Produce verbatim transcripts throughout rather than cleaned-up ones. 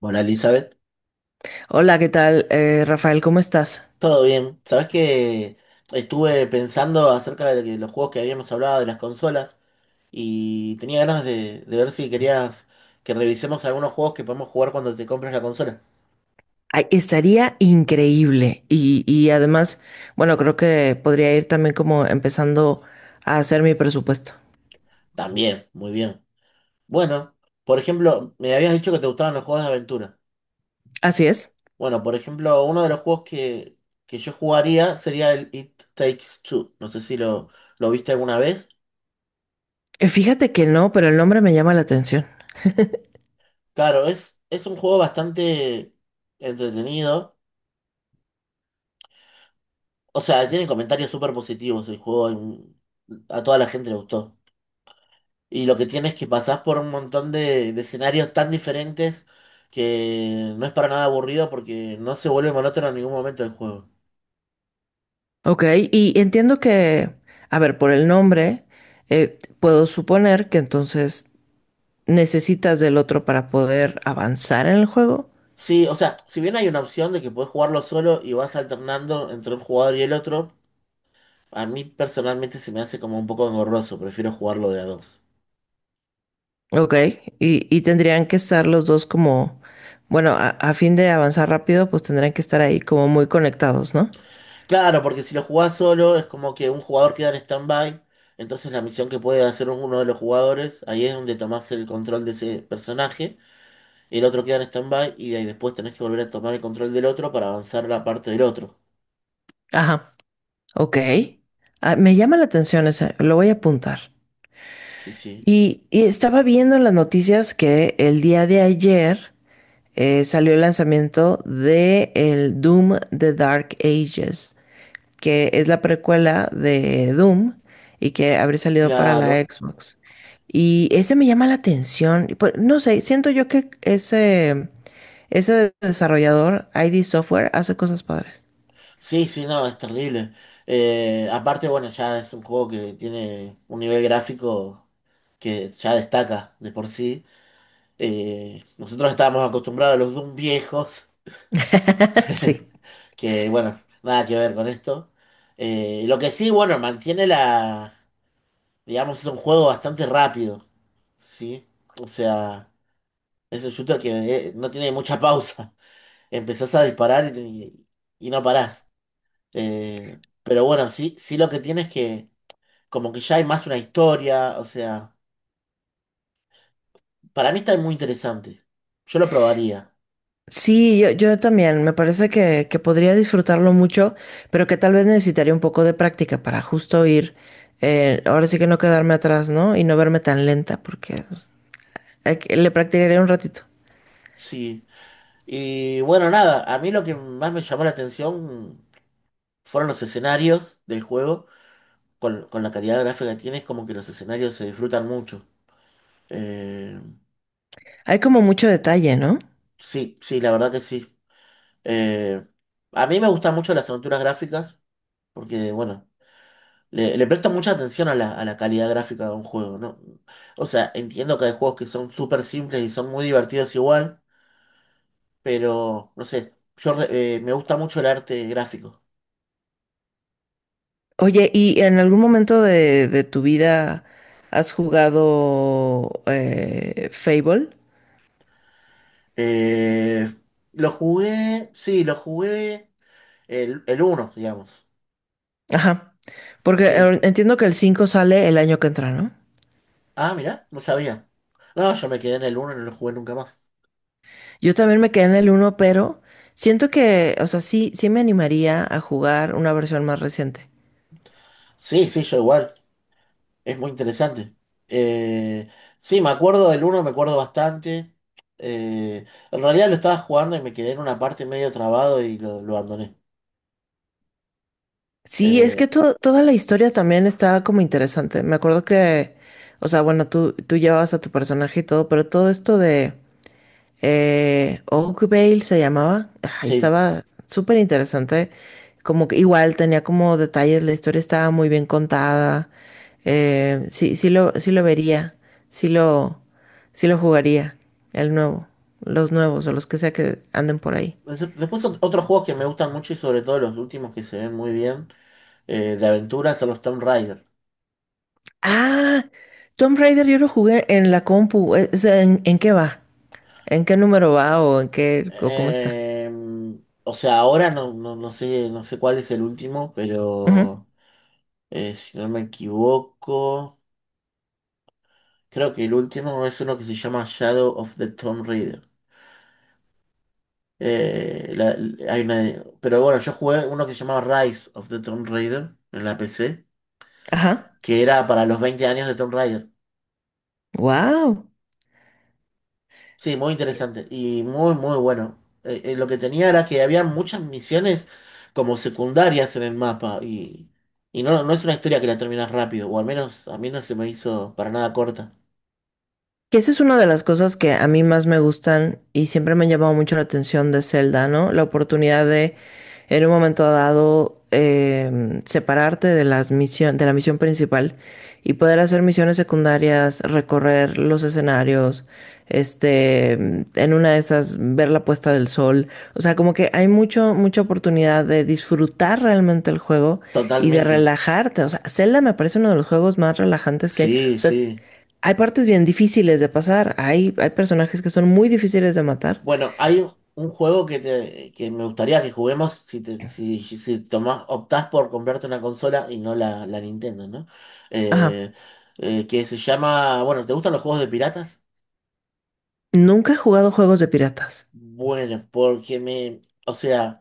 Hola Elizabeth, Hola, ¿qué tal? Eh, Rafael, ¿cómo estás? todo bien. Sabes que estuve pensando acerca de que los juegos que habíamos hablado, de las consolas, y tenía ganas de, de ver si querías que revisemos algunos juegos que podemos jugar cuando te compres la consola. Ay, estaría increíble y, y además, bueno, creo que podría ir también como empezando a hacer mi presupuesto. También, muy bien. Bueno, por ejemplo, me habías dicho que te gustaban los juegos de aventura. Así es. Bueno, por ejemplo, uno de los juegos que, que yo jugaría sería el It Takes Two. No sé si lo, lo viste alguna vez. Eh, Fíjate que no, pero el nombre me llama la atención. Claro, es, es un juego bastante entretenido. O sea, tiene comentarios súper positivos el juego. en- A toda la gente le gustó. Y lo que tiene es que pasás por un montón de, de escenarios tan diferentes que no es para nada aburrido porque no se vuelve monótono en ningún momento del juego. Ok, y entiendo que, a ver, por el nombre, eh, puedo suponer que entonces necesitas del otro para poder avanzar en el juego. Sí, o sea, si bien hay una opción de que puedes jugarlo solo y vas alternando entre un jugador y el otro, a mí personalmente se me hace como un poco engorroso. Prefiero jugarlo de a dos. Ok, y, y tendrían que estar los dos como, bueno, a, a fin de avanzar rápido, pues tendrían que estar ahí como muy conectados, ¿no? Claro, porque si lo jugás solo es como que un jugador queda en stand-by, entonces la misión que puede hacer uno de los jugadores, ahí es donde tomás el control de ese personaje, el otro queda en stand-by y de ahí después tenés que volver a tomar el control del otro para avanzar la parte del otro. Ajá, ok. Ah, me llama la atención esa, lo voy a apuntar. Sí, sí, Y, y estaba viendo en las noticias que el día de ayer eh, salió el lanzamiento de el Doom The Dark Ages, que es la precuela de Doom y que habría salido para la claro. Xbox. Y ese me llama la atención, y pues, no sé, siento yo que ese, ese desarrollador, I D Software, hace cosas padres. Sí, sí, no, es terrible. Eh, aparte, bueno, ya es un juego que tiene un nivel gráfico que ya destaca de por sí. Eh, nosotros estábamos acostumbrados a los Doom viejos. Sí. Que bueno, nada que ver con esto. Eh, lo que sí, bueno, mantiene la, digamos, es un juego bastante rápido, ¿sí? O sea, es un shooter que eh, no tiene mucha pausa. Empezás a disparar y, te- y no parás. Eh, pero bueno, sí, sí, lo que tiene es que como que ya hay más una historia, o sea, para mí está muy interesante. Yo lo probaría, Sí, yo, yo también. Me parece que, que podría disfrutarlo mucho, pero que tal vez necesitaría un poco de práctica para justo ir. Eh, ahora sí que no quedarme atrás, ¿no? Y no verme tan lenta, porque pues, hay que- le practicaré un ratito. sí. Y bueno, nada, a mí lo que más me llamó la atención fueron los escenarios del juego. con, con la calidad gráfica que tiene, es como que los escenarios se disfrutan mucho. Eh, Hay como mucho detalle, ¿no? sí, sí, la verdad que sí. Eh, a mí me gustan mucho las aventuras gráficas porque, bueno, le, le presto mucha atención a la, a la calidad gráfica de un juego, ¿no? O sea, entiendo que hay juegos que son súper simples y son muy divertidos igual, pero, no sé, yo re- eh, me gusta mucho el arte gráfico. Oye, ¿y en algún momento de, de tu vida has jugado eh, Fable? Eh, lo jugué, sí, lo jugué el, el uno, digamos. Ajá. Porque Sí. eh, entiendo que el cinco sale el año que entra, ¿no? Ah, mira, no sabía. No, yo me quedé en el uno y no lo jugué nunca más. Yo también me quedé en el uno, pero siento que, o sea, sí, sí me animaría a jugar una versión más reciente. Sí, sí, yo igual. Es muy interesante. Eh, sí, me acuerdo del uno, me acuerdo bastante. Eh, en realidad lo estaba jugando y me quedé en una parte medio trabado y lo, lo abandoné. Sí, es que Eh, to- toda la historia también está como interesante. Me acuerdo que, o sea, bueno, tú, tú llevabas a tu personaje y todo, pero todo esto de, Eh, Oakvale se llamaba. Ay, sí. estaba súper interesante. Como que igual tenía como detalles, la historia estaba muy bien contada. Eh, sí, sí lo, sí lo vería. Sí lo, sí lo jugaría. El nuevo. Los nuevos o los que sea que anden por ahí. Des- Después ot- otros juegos que me gustan mucho y sobre todo los últimos que se ven muy bien eh, de aventuras son los Tomb Raider. Ah, Tomb Raider yo lo jugué en la compu. E, Es- ¿En, en qué va? ¿En qué número va o en qué o cómo está? Eh, o sea, ahora no, no, no sé, no sé cuál es el último, Ujú. pero... Eh, si no me equivoco, creo que el último es uno que se llama Shadow of the Tomb Raider. Eh, la- la- hay una- pero bueno, yo jugué uno que se llamaba Rise of the Tomb Raider en la P C, Ajá. que era para los veinte años de Tomb Raider. Wow. Sí, muy interesante y muy, muy bueno. Eh, eh, lo que tenía era que había muchas misiones como secundarias en el mapa y, y no, no es una historia que la terminas rápido, o al menos a mí no se me hizo para nada corta. Que esa es una de las cosas que a mí más me gustan y siempre me han llamado mucho la atención de Zelda, ¿no? La oportunidad de, en un momento dado, em, separarte de las misión, de la misión principal y poder hacer misiones secundarias, recorrer los escenarios, este, em, en una de esas, ver la puesta del sol. O sea, como que hay mucho, mucha oportunidad de disfrutar realmente el juego y de Totalmente. relajarte. O sea, Zelda me parece uno de los juegos más relajantes que hay. Sí, O sea, sí. hay partes bien difíciles de pasar, hay, hay personajes que son muy difíciles de matar. Bueno, hay un un juego que, te, que me gustaría que juguemos si, te- si, si tomás- optás por comprarte una consola y no la, la Nintendo, ¿no? Ajá. Eh, eh, que se llama, bueno, ¿te gustan los juegos de piratas? Nunca he jugado juegos de piratas. Bueno, porque me, o sea,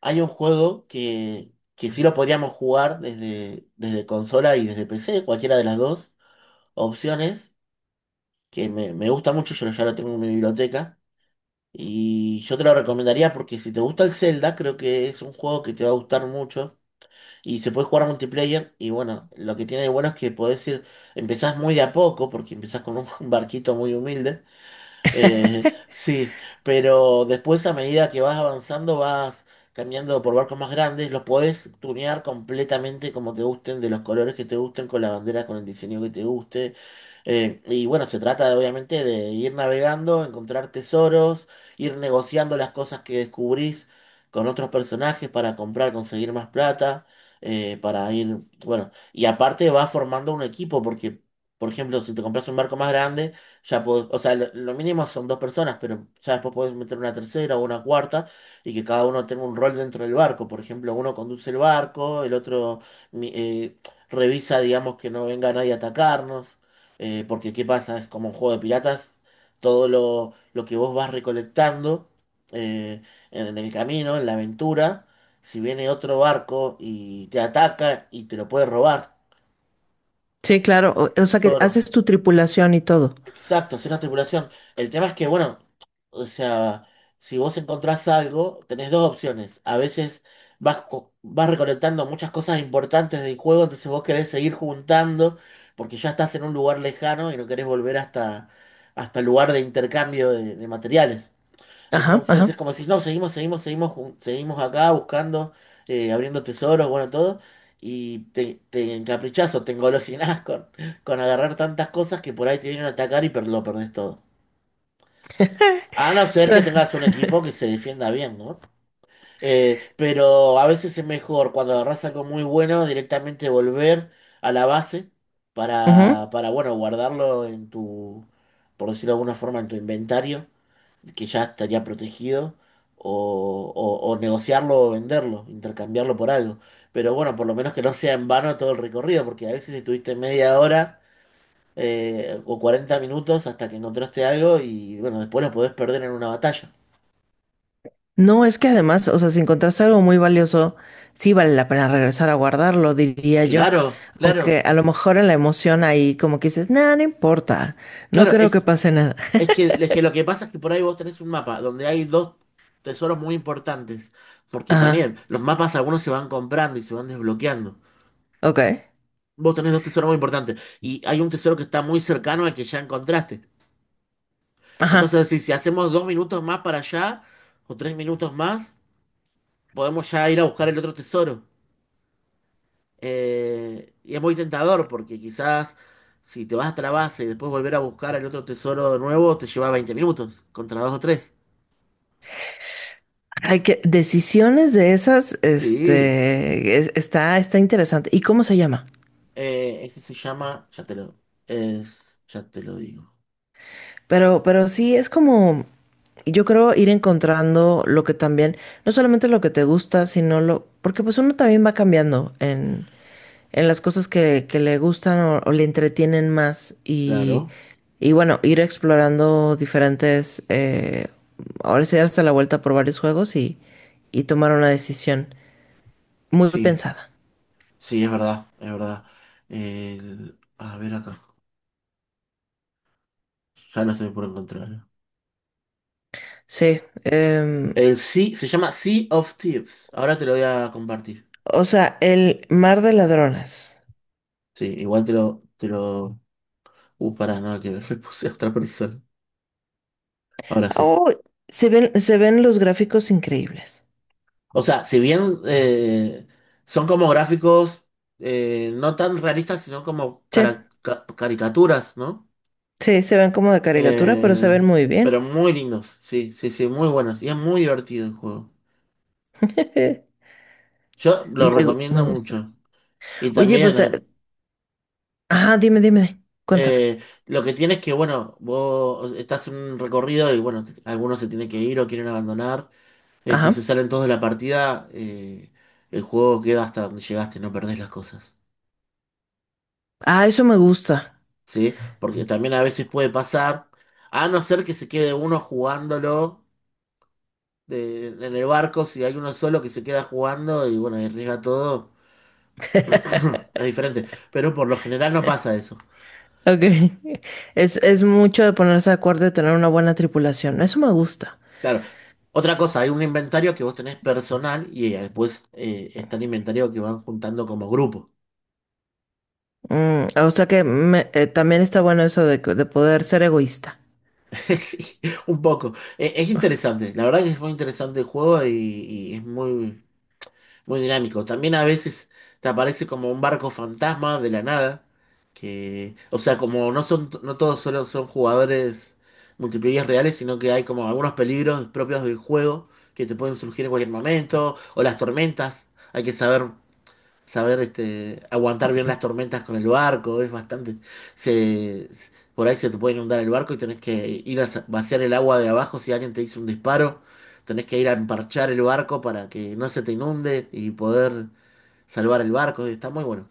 hay un juego que, que sí lo podríamos jugar desde, desde consola y desde P C, cualquiera de las dos opciones, que me, me gusta mucho, yo ya lo tengo en mi biblioteca. Y yo te lo recomendaría porque si te gusta el Zelda, creo que es un juego que te va a gustar mucho. Y se puede jugar multiplayer. Y bueno, lo que tiene de bueno es que podés ir, empezás muy de a poco, porque empezás con un barquito muy humilde. Eh, sí, pero después a medida que vas avanzando vas cambiando por barcos más grandes, los podés tunear completamente como te gusten, de los colores que te gusten, con la bandera, con el diseño que te guste. Eh, y bueno, se trata de, obviamente, de ir navegando, encontrar tesoros, ir negociando las cosas que descubrís con otros personajes para comprar, conseguir más plata, eh, para ir, bueno, y aparte vas formando un equipo porque, por ejemplo, si te compras un barco más grande, ya pod- o sea, lo, lo mínimo son dos personas, pero ya después podés meter una tercera o una cuarta y que cada uno tenga un rol dentro del barco. Por ejemplo, uno conduce el barco, el otro mi- eh, revisa, digamos, que no venga nadie a atacarnos. Eh, porque, ¿qué pasa? Es como un juego de piratas. Todo lo, lo que vos vas recolectando eh, en en el camino, en la aventura, si viene otro barco y te ataca y te lo puede robar, Sí, claro. O, o sea que tesoro. haces tu tripulación y todo. Exacto, es una tripulación. El tema es que, bueno, o sea, si vos encontrás algo, tenés dos opciones. A veces vas, co- vas recolectando muchas cosas importantes del juego, entonces vos querés seguir juntando, porque ya estás en un lugar lejano y no querés volver hasta, hasta el lugar de intercambio de, de materiales. Ajá, Entonces es ajá. como si no, seguimos, seguimos, seguimos, jun- seguimos acá buscando, eh, abriendo tesoros, bueno, todo. Y te, te encaprichás o te engolosinás con, con agarrar tantas cosas que por ahí te vienen a atacar y per- lo perdés todo. A no O ser que sea, tengas un equipo que se defienda bien, ¿no? Eh, pero a veces es mejor cuando agarrás algo muy bueno, directamente volver a la base ujú. para, para bueno, guardarlo en tu, por decirlo de alguna forma, en tu inventario, que ya estaría protegido, o, o- o negociarlo o venderlo, intercambiarlo por algo. Pero bueno, por lo menos que no sea en vano todo el recorrido, porque a veces estuviste media hora eh, o cuarenta minutos hasta que encontraste algo y bueno, después lo podés perder en una batalla. No, es que además, o sea, si encontraste algo muy valioso, sí vale la pena regresar a guardarlo, diría yo. Claro, claro, Aunque a lo mejor en la emoción ahí como que dices, nada, no importa, no claro. creo que Es, pase nada. es que, es que lo que pasa es que por ahí vos tenés un mapa donde hay dos tesoros muy importantes, porque Ajá, también los mapas algunos se van comprando y se van desbloqueando. ok. Vos tenés dos tesoros muy importantes y hay un tesoro que está muy cercano al que ya encontraste. Ajá, Entonces, si, si hacemos dos minutos más para allá o tres minutos más, podemos ya ir a buscar el otro tesoro. Eh, y es muy tentador porque quizás si te vas hasta la base y después volver a buscar el otro tesoro de nuevo, te lleva veinte minutos contra dos o tres. hay que decisiones de esas, Sí, este, es- está, está interesante. ¿Y cómo se llama? Eh, ese se llama, ya te lo, es- ya te lo digo. Pero, pero sí, es como, yo creo ir encontrando lo que también, no solamente lo que te gusta, sino lo, porque pues uno también va cambiando en, en las cosas que, que le gustan o, o le entretienen más y, Claro, y bueno, ir explorando diferentes, eh, ahora sí hasta la vuelta por varios juegos y, y tomar una decisión muy sí, pensada. sí, es verdad, es verdad. El- a ver acá. Ya lo estoy por encontrar. Sí, em, El sí, se llama Sea of Thieves. Ahora te lo voy a compartir. o sea, el mar de ladronas. Sí, igual te lo, te lo. Uh, pará, nada que ver, le puse a otra persona. Ahora sí. Oh, se ven, se ven los gráficos increíbles. O sea, si bien eh, son como gráficos eh, no tan realistas, sino como Sí, cara- ca- caricaturas, ¿no? sí, se ven como de caricatura, pero se Eh, ven muy pero bien. muy lindos, sí, sí, sí, muy buenos. Y es muy divertido el juego. Yo lo Me, gu- me recomiendo gusta. mucho. Y Oye, también, pues, eh, eh, ajá, dime, dime, cuéntame. Eh, lo que tienes que, bueno, vos estás en un recorrido y bueno, algunos se tienen que ir o quieren abandonar. Eh, si se Ajá. salen todos de la partida, eh, el juego queda hasta donde llegaste, no perdés las cosas. Ah, eso me gusta. ¿Sí? Porque también a veces puede pasar, a no ser que se quede uno jugándolo de- en el barco, si hay uno solo que se queda jugando y bueno, arriesga todo, es diferente. Pero por lo general no pasa eso. Ok. Es, es mucho de ponerse de acuerdo y tener una buena tripulación. Eso me gusta. Claro. Otra cosa, hay un inventario que vos tenés personal y eh, después eh, está el inventario que van juntando como grupo. Mm, o sea que me- eh, también está bueno eso de, que- de poder ser egoísta. Sí, un poco. E- Es, interesante, la verdad que es muy interesante el juego y, y es muy, muy dinámico. También a veces te aparece como un barco fantasma de la nada, que, o sea, como no son, no todos solo son jugadores multiplayer reales, sino que hay como algunos peligros propios del juego que te pueden surgir en cualquier momento, o las tormentas, hay que saber. Saber, este, aguantar bien las tormentas con el barco, es bastante. Se, se- por ahí se te puede inundar el barco y tenés que ir a sa- vaciar el agua de abajo si alguien te hizo un disparo. Tenés que ir a emparchar el barco para que no se te inunde y poder salvar el barco. Está muy bueno.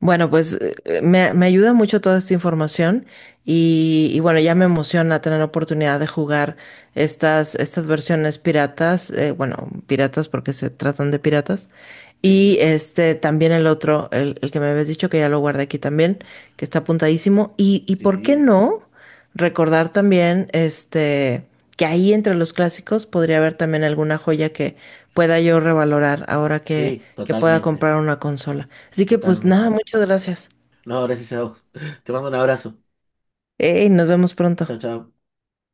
Bueno, pues eh, eh, me, me ayuda mucho toda esta información y, y bueno, ya me emociona tener la oportunidad de jugar estas, estas versiones piratas, eh, bueno, piratas porque se tratan de piratas. Y Sí, este también el otro, el, el que me habías dicho que ya lo guardé aquí también, que está apuntadísimo. Y, y por qué sí, no recordar también este que ahí entre los clásicos podría haber también alguna joya que pueda yo revalorar ahora que, sí, que pueda totalmente, comprar una consola. Así que pues nada, totalmente. muchas gracias. No, gracias a vos. Te mando un abrazo. Ey, nos vemos pronto. Chao, chao.